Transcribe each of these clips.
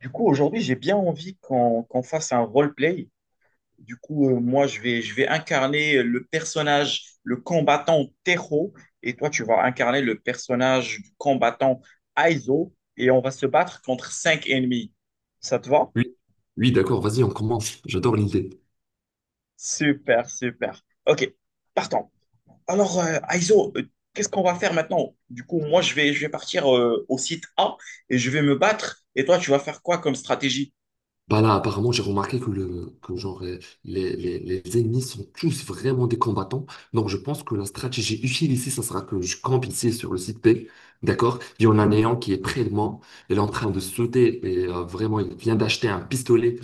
Du coup, aujourd'hui, j'ai bien envie qu'on fasse un roleplay. Du coup, moi, je vais incarner le personnage, le combattant Tero, et toi, tu vas incarner le personnage du combattant Aizo, et on va se battre contre cinq ennemis. Ça te va? Oui, oui, d'accord, vas-y, on commence. J'adore l'idée. Super, super. Ok, partons. Alors, Aizo, qu'est-ce qu'on va faire maintenant? Du coup, moi, je vais partir au site A et je vais me battre, et toi, tu vas faire quoi comme stratégie? Bah là, apparemment, j'ai remarqué que les ennemis sont tous vraiment des combattants. Donc, je pense que la stratégie utile ici, ça sera que je campe ici sur le site B. D'accord? Il y en a un néant qui est près de moi. Il est en train de sauter et vraiment, il vient d'acheter un pistolet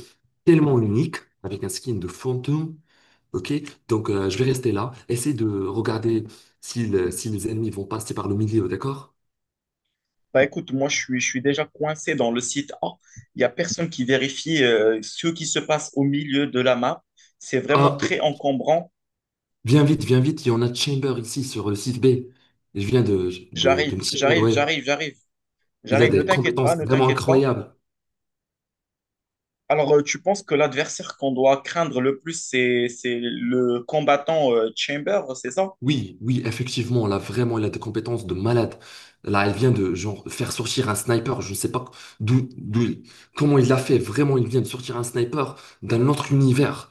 tellement unique avec un skin de fantôme. Ok? Donc, je vais rester là. Essaye de regarder si, si les ennemis vont passer par le milieu. D'accord? Bah écoute, moi je suis déjà coincé dans le site A. Il n'y a personne qui vérifie ce qui se passe au milieu de la map. C'est vraiment Ah, très encombrant. viens vite, viens vite, il y en a Chamber ici sur le site B. Et je viens de J'arrive, me tirer, j'arrive, ouais. j'arrive, j'arrive, Il a j'arrive. Ne des t'inquiète compétences pas, ne vraiment t'inquiète pas. incroyables. Alors, tu penses que l'adversaire qu'on doit craindre le plus, c'est le combattant Chamber, c'est ça? Oui, oui, effectivement, là, vraiment, il a des compétences de malade. Là, elle vient de, genre, faire sortir un sniper. Je ne sais pas d'où, d'où, il- comment il l'a fait. Vraiment, il vient de sortir un sniper d'un autre univers.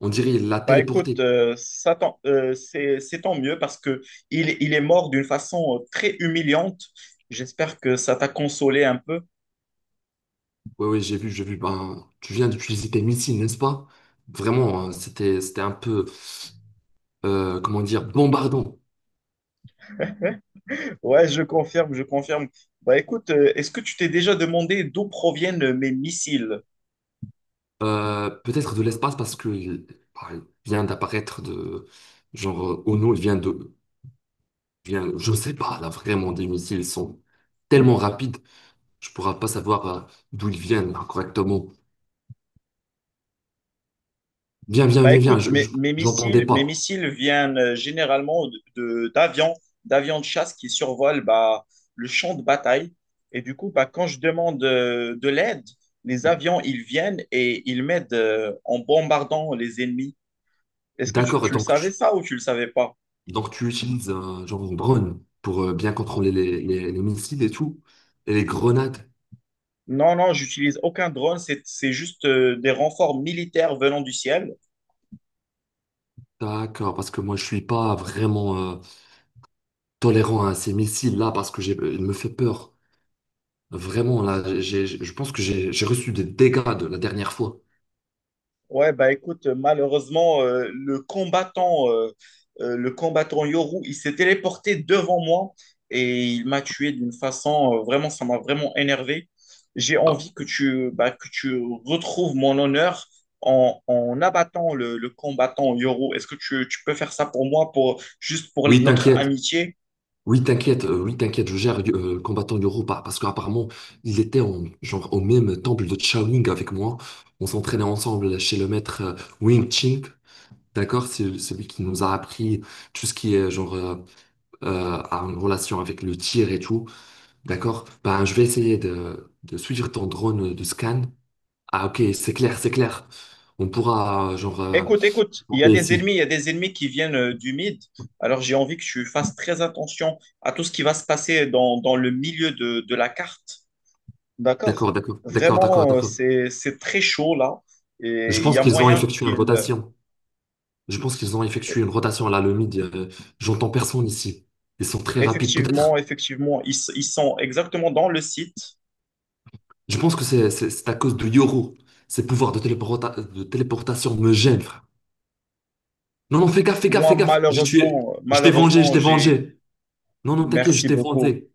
On dirait il l'a Bah écoute, téléporté. C'est tant mieux parce que il est mort d'une façon très humiliante. J'espère que ça t'a consolé un peu. Ouais, ouais, j'ai vu, j'ai vu. Ben, tu viens d'utiliser tes missiles, n'est-ce pas? Vraiment, hein, c'était un peu, comment dire, bombardant. Ouais, je confirme, je confirme. Bah écoute, est-ce que tu t'es déjà demandé d'où proviennent mes missiles? Peut-être de l'espace parce qu'il bah, il vient d'apparaître de genre Ono, il vient de vient, je sais pas là vraiment des missiles sont tellement rapides, je pourrais pas savoir d'où ils viennent là, correctement. Bah écoute, je, mes, je- mes j'entendais missiles, mes pas. missiles viennent généralement d'avions de chasse qui survolent bah, le champ de bataille. Et du coup, bah, quand je demande de l'aide, les avions, ils viennent et ils m'aident en bombardant les ennemis. Est-ce que tu, D'accord, tu le savais ça ou tu le savais pas? donc tu utilises genre une drone pour bien contrôler les missiles et tout et les grenades. Non, non, j'utilise aucun drone, c'est juste des renforts militaires venant du ciel. D'accord, parce que moi je suis pas vraiment tolérant à ces missiles là parce que j'ai, il me fait peur. Vraiment, là, je pense que j'ai reçu des dégâts de la dernière fois. Ouais, bah écoute, malheureusement, le combattant Yoru, il s'est téléporté devant moi et il m'a tué d'une façon, vraiment, ça m'a vraiment énervé. J'ai Ah, envie que bah, que tu retrouves mon honneur en abattant le combattant Yoru. Est-ce que tu peux faire ça pour moi, juste pour oui, notre t'inquiète. amitié? Oui, t'inquiète. Oui, t'inquiète. Je gère combattant Yoro parce qu'apparemment, il était en, genre, au même temple de Shaolin avec moi. On s'entraînait ensemble chez le maître Wing Ching. D'accord? C'est celui qui nous a appris tout ce qui est genre en relation avec le tir et tout. D'accord? Ben, je vais essayer de suivre ton drone de scan. Ah, ok, c'est clair, c'est clair. On pourra, genre, Écoute, écoute, il y a monter des ici. ennemis, il y a des ennemis qui viennent du mid. Alors j'ai envie que tu fasses très attention à tout ce qui va se passer dans le milieu de la carte. D'accord? Vraiment, D'accord. C'est très chaud là. Et Je il y pense a qu'ils ont moyen effectué une qu'ils... rotation. Je pense qu'ils ont effectué une rotation là, le mid. J'entends personne ici. Ils sont très rapides, Effectivement, peut-être. effectivement, ils sont exactement dans le site. Je pense que c'est à cause de Yoru. Ses pouvoirs de de téléportation me gênent, frère. Non, non, fais gaffe, fais gaffe, Moi, fais gaffe. J'ai tué. malheureusement, Je t'ai vengé, je malheureusement, t'ai j'ai... vengé. Non, non, t'inquiète, je Merci t'ai beaucoup. vengé.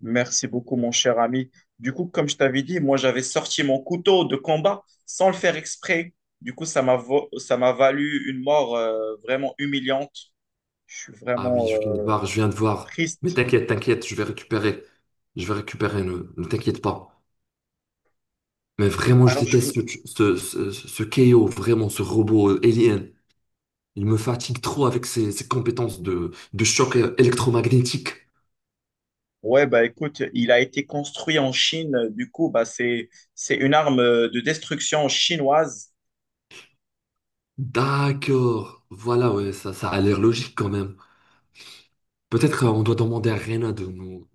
Merci beaucoup, mon cher ami. Du coup, comme je t'avais dit, moi, j'avais sorti mon couteau de combat sans le faire exprès. Du coup, ça m'a valu une mort vraiment humiliante. Je suis Ah oui, vraiment je viens de voir, je viens de voir. Mais triste. t'inquiète, t'inquiète, je vais récupérer. Je vais récupérer, ne t'inquiète pas. Mais vraiment, je Alors, je déteste vous... ce KO, vraiment, ce robot alien. Il me fatigue trop avec ses, ses compétences de choc électromagnétique. Ouais, bah écoute, il a été construit en Chine. Du coup, bah, c'est une arme de destruction chinoise. D'accord. Voilà, ouais, ça a l'air logique quand même. Peut-être on doit demander à Rena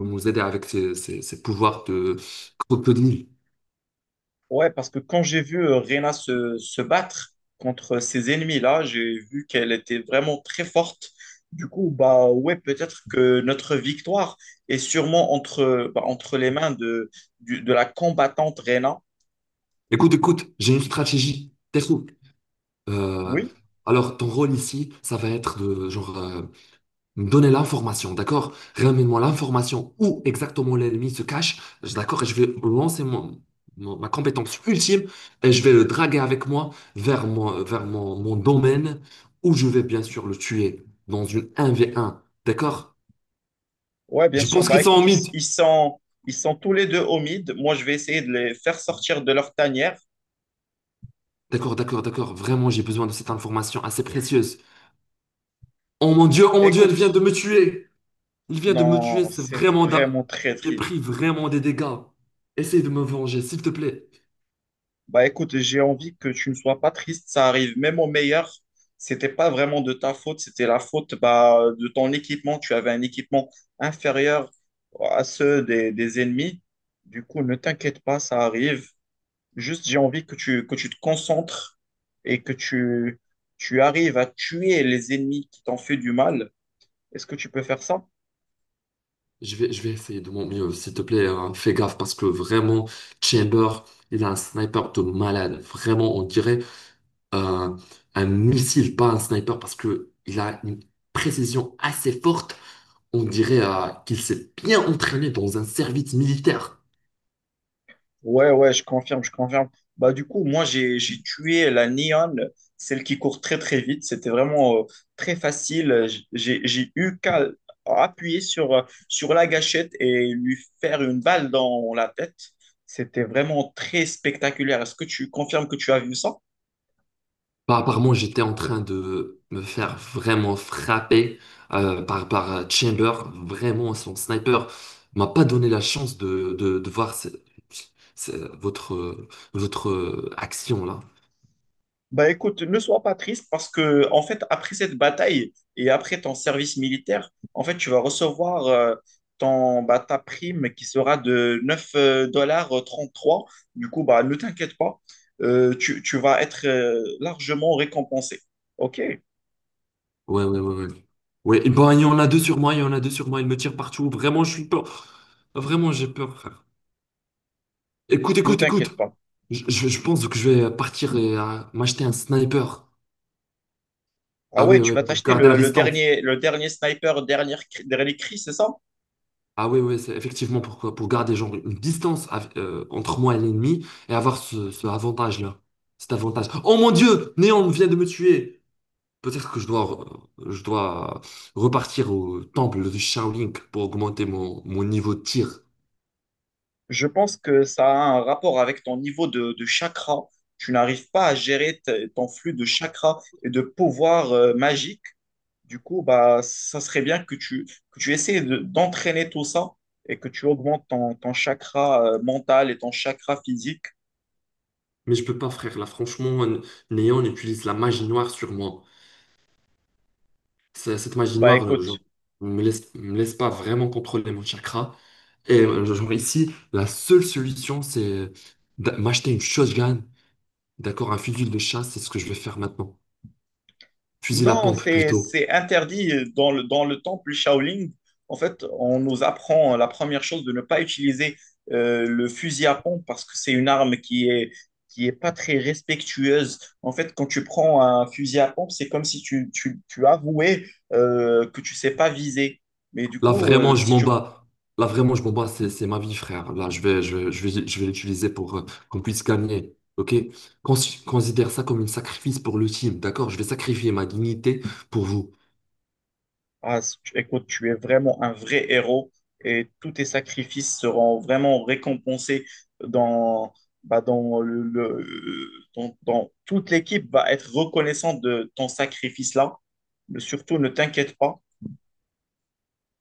de nous aider avec ses, ses pouvoirs de crocodile. Ouais, parce que quand j'ai vu Reyna se battre contre ces ennemis-là, j'ai vu qu'elle était vraiment très forte. Du coup, bah ouais, peut-être que notre victoire est sûrement bah, entre les mains de la combattante Reyna. Écoute, écoute, j'ai une stratégie. T'es fou. Euh, Oui, alors, ton rôle ici, ça va être de genre donnez l'information, d'accord? Ramène-moi l'information où exactement l'ennemi se cache, d'accord? Et je vais lancer ma compétence ultime et je vais le draguer avec moi mon domaine où je vais bien sûr le tuer dans une 1v1, d'accord? ouais, bien Je sûr. pense Bah qu'ils sont en écoute, ils, mythe. ils sont, ils sont tous les deux au mid. Moi, je vais essayer de les faire sortir de leur tanière. D'accord. Vraiment, j'ai besoin de cette information assez précieuse. Oh mon Dieu, elle vient Écoute, de me tuer. Il vient de me tuer, non, c'est c'est vraiment... vraiment da- très J'ai triste. pris vraiment des dégâts. Essaye de me venger, s'il te plaît. Bah écoute, j'ai envie que tu ne sois pas triste, ça arrive même au meilleur. C'était pas vraiment de ta faute, c'était la faute bah, de ton équipement. Tu avais un équipement inférieur à ceux des ennemis. Du coup, ne t'inquiète pas, ça arrive. Juste, j'ai envie que que tu te concentres et que tu arrives à tuer les ennemis qui t'ont fait du mal. Est-ce que tu peux faire ça? Je vais essayer de mon mieux, s'il te plaît, hein. Fais gaffe parce que vraiment, Chamber, il a un sniper de malade. Vraiment, on dirait euh, un missile, pas un sniper, parce que il a une précision assez forte. On dirait qu'il s'est bien entraîné dans un service militaire. Ouais, ouais, je confirme, je confirme. Bah, du coup, moi, j'ai tué la Neon, celle qui court très, très vite. C'était vraiment très facile. J'ai eu qu'à appuyer sur la gâchette et lui faire une balle dans la tête. C'était vraiment très spectaculaire. Est-ce que tu confirmes que tu as vu ça? Bah, apparemment, j'étais en train de me faire vraiment frapper par Chamber. Vraiment, son sniper m'a pas donné la chance de voir ce- votre, euh, votre action là. Bah écoute, ne sois pas triste parce que en fait après cette bataille et après ton service militaire, en fait tu vas recevoir ton bah, ta prime qui sera de 9 dollars 33. Du coup bah ne t'inquiète pas, tu vas être largement récompensé. OK? Ouais. Ouais, et ben, il y en a deux sur moi, il me tire partout. Vraiment, je suis peur. Vraiment, j'ai peur, frère. Écoute, Ne écoute, écoute. t'inquiète pas. Je pense que je vais partir et m'acheter un sniper. Ah Ah ouais, oui, tu ouais, vas pour t'acheter garder la distance. Le dernier sniper, dernière, cri- dernier cri, c'est ça? Ah oui, oui, c'est effectivement pour garder genre une distance entre moi et l'ennemi et avoir ce avantage-là. Cet avantage. Oh mon Dieu! Néon vient de me tuer! Peut-être que je dois repartir au temple de Shaolin pour augmenter mon niveau de tir. Je pense que ça a un rapport avec ton niveau de chakra. Tu n'arrives pas à gérer ton flux de chakra et de pouvoir magique. Du coup, bah, ça serait bien que que tu essaies d'entraîner tout ça et que tu augmentes ton chakra mental et ton chakra physique. Mais je peux pas, frère. Là, franchement, Néon utilise la magie noire sur moi. Cette magie Bah, noire, genre, écoute, me laisse pas vraiment contrôler mon chakra. Et genre ici, la seule solution, c'est m'acheter une shotgun. D'accord, un fusil de chasse, c'est ce que je vais faire maintenant. Fusil à non, pompe plutôt. c'est interdit dans dans le temple Shaolin. En fait, on nous apprend la première chose de ne pas utiliser le fusil à pompe parce que c'est une arme qui est pas très respectueuse. En fait, quand tu prends un fusil à pompe, c'est comme si tu avouais que tu sais pas viser. Mais du Là coup, vraiment, je si m'en tu... bats. Là vraiment, je m'en bats. C'est ma vie, frère. Là, je vais l'utiliser pour qu'on puisse gagner. Ok? Cons- Considère ça comme un sacrifice pour le team. D'accord? Je vais sacrifier ma dignité pour vous. Ah, écoute, tu es vraiment un vrai héros et tous tes sacrifices seront vraiment récompensés dans, bah, dans le- dans, dans- toute l'équipe va être reconnaissante de ton sacrifice-là. Mais surtout, ne t'inquiète pas.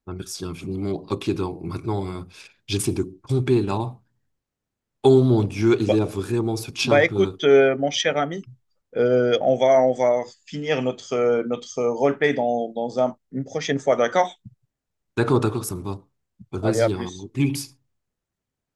Ah, merci infiniment. Ok, donc maintenant, j'essaie de pomper là. Oh mon Dieu, il y Bah, a vraiment ce bah, champ. Écoute, mon cher ami, on va finir notre roleplay une prochaine fois, d'accord? D'accord, d'accord, ça me va. Bah, Allez, à vas-y, hein, plus. au plus.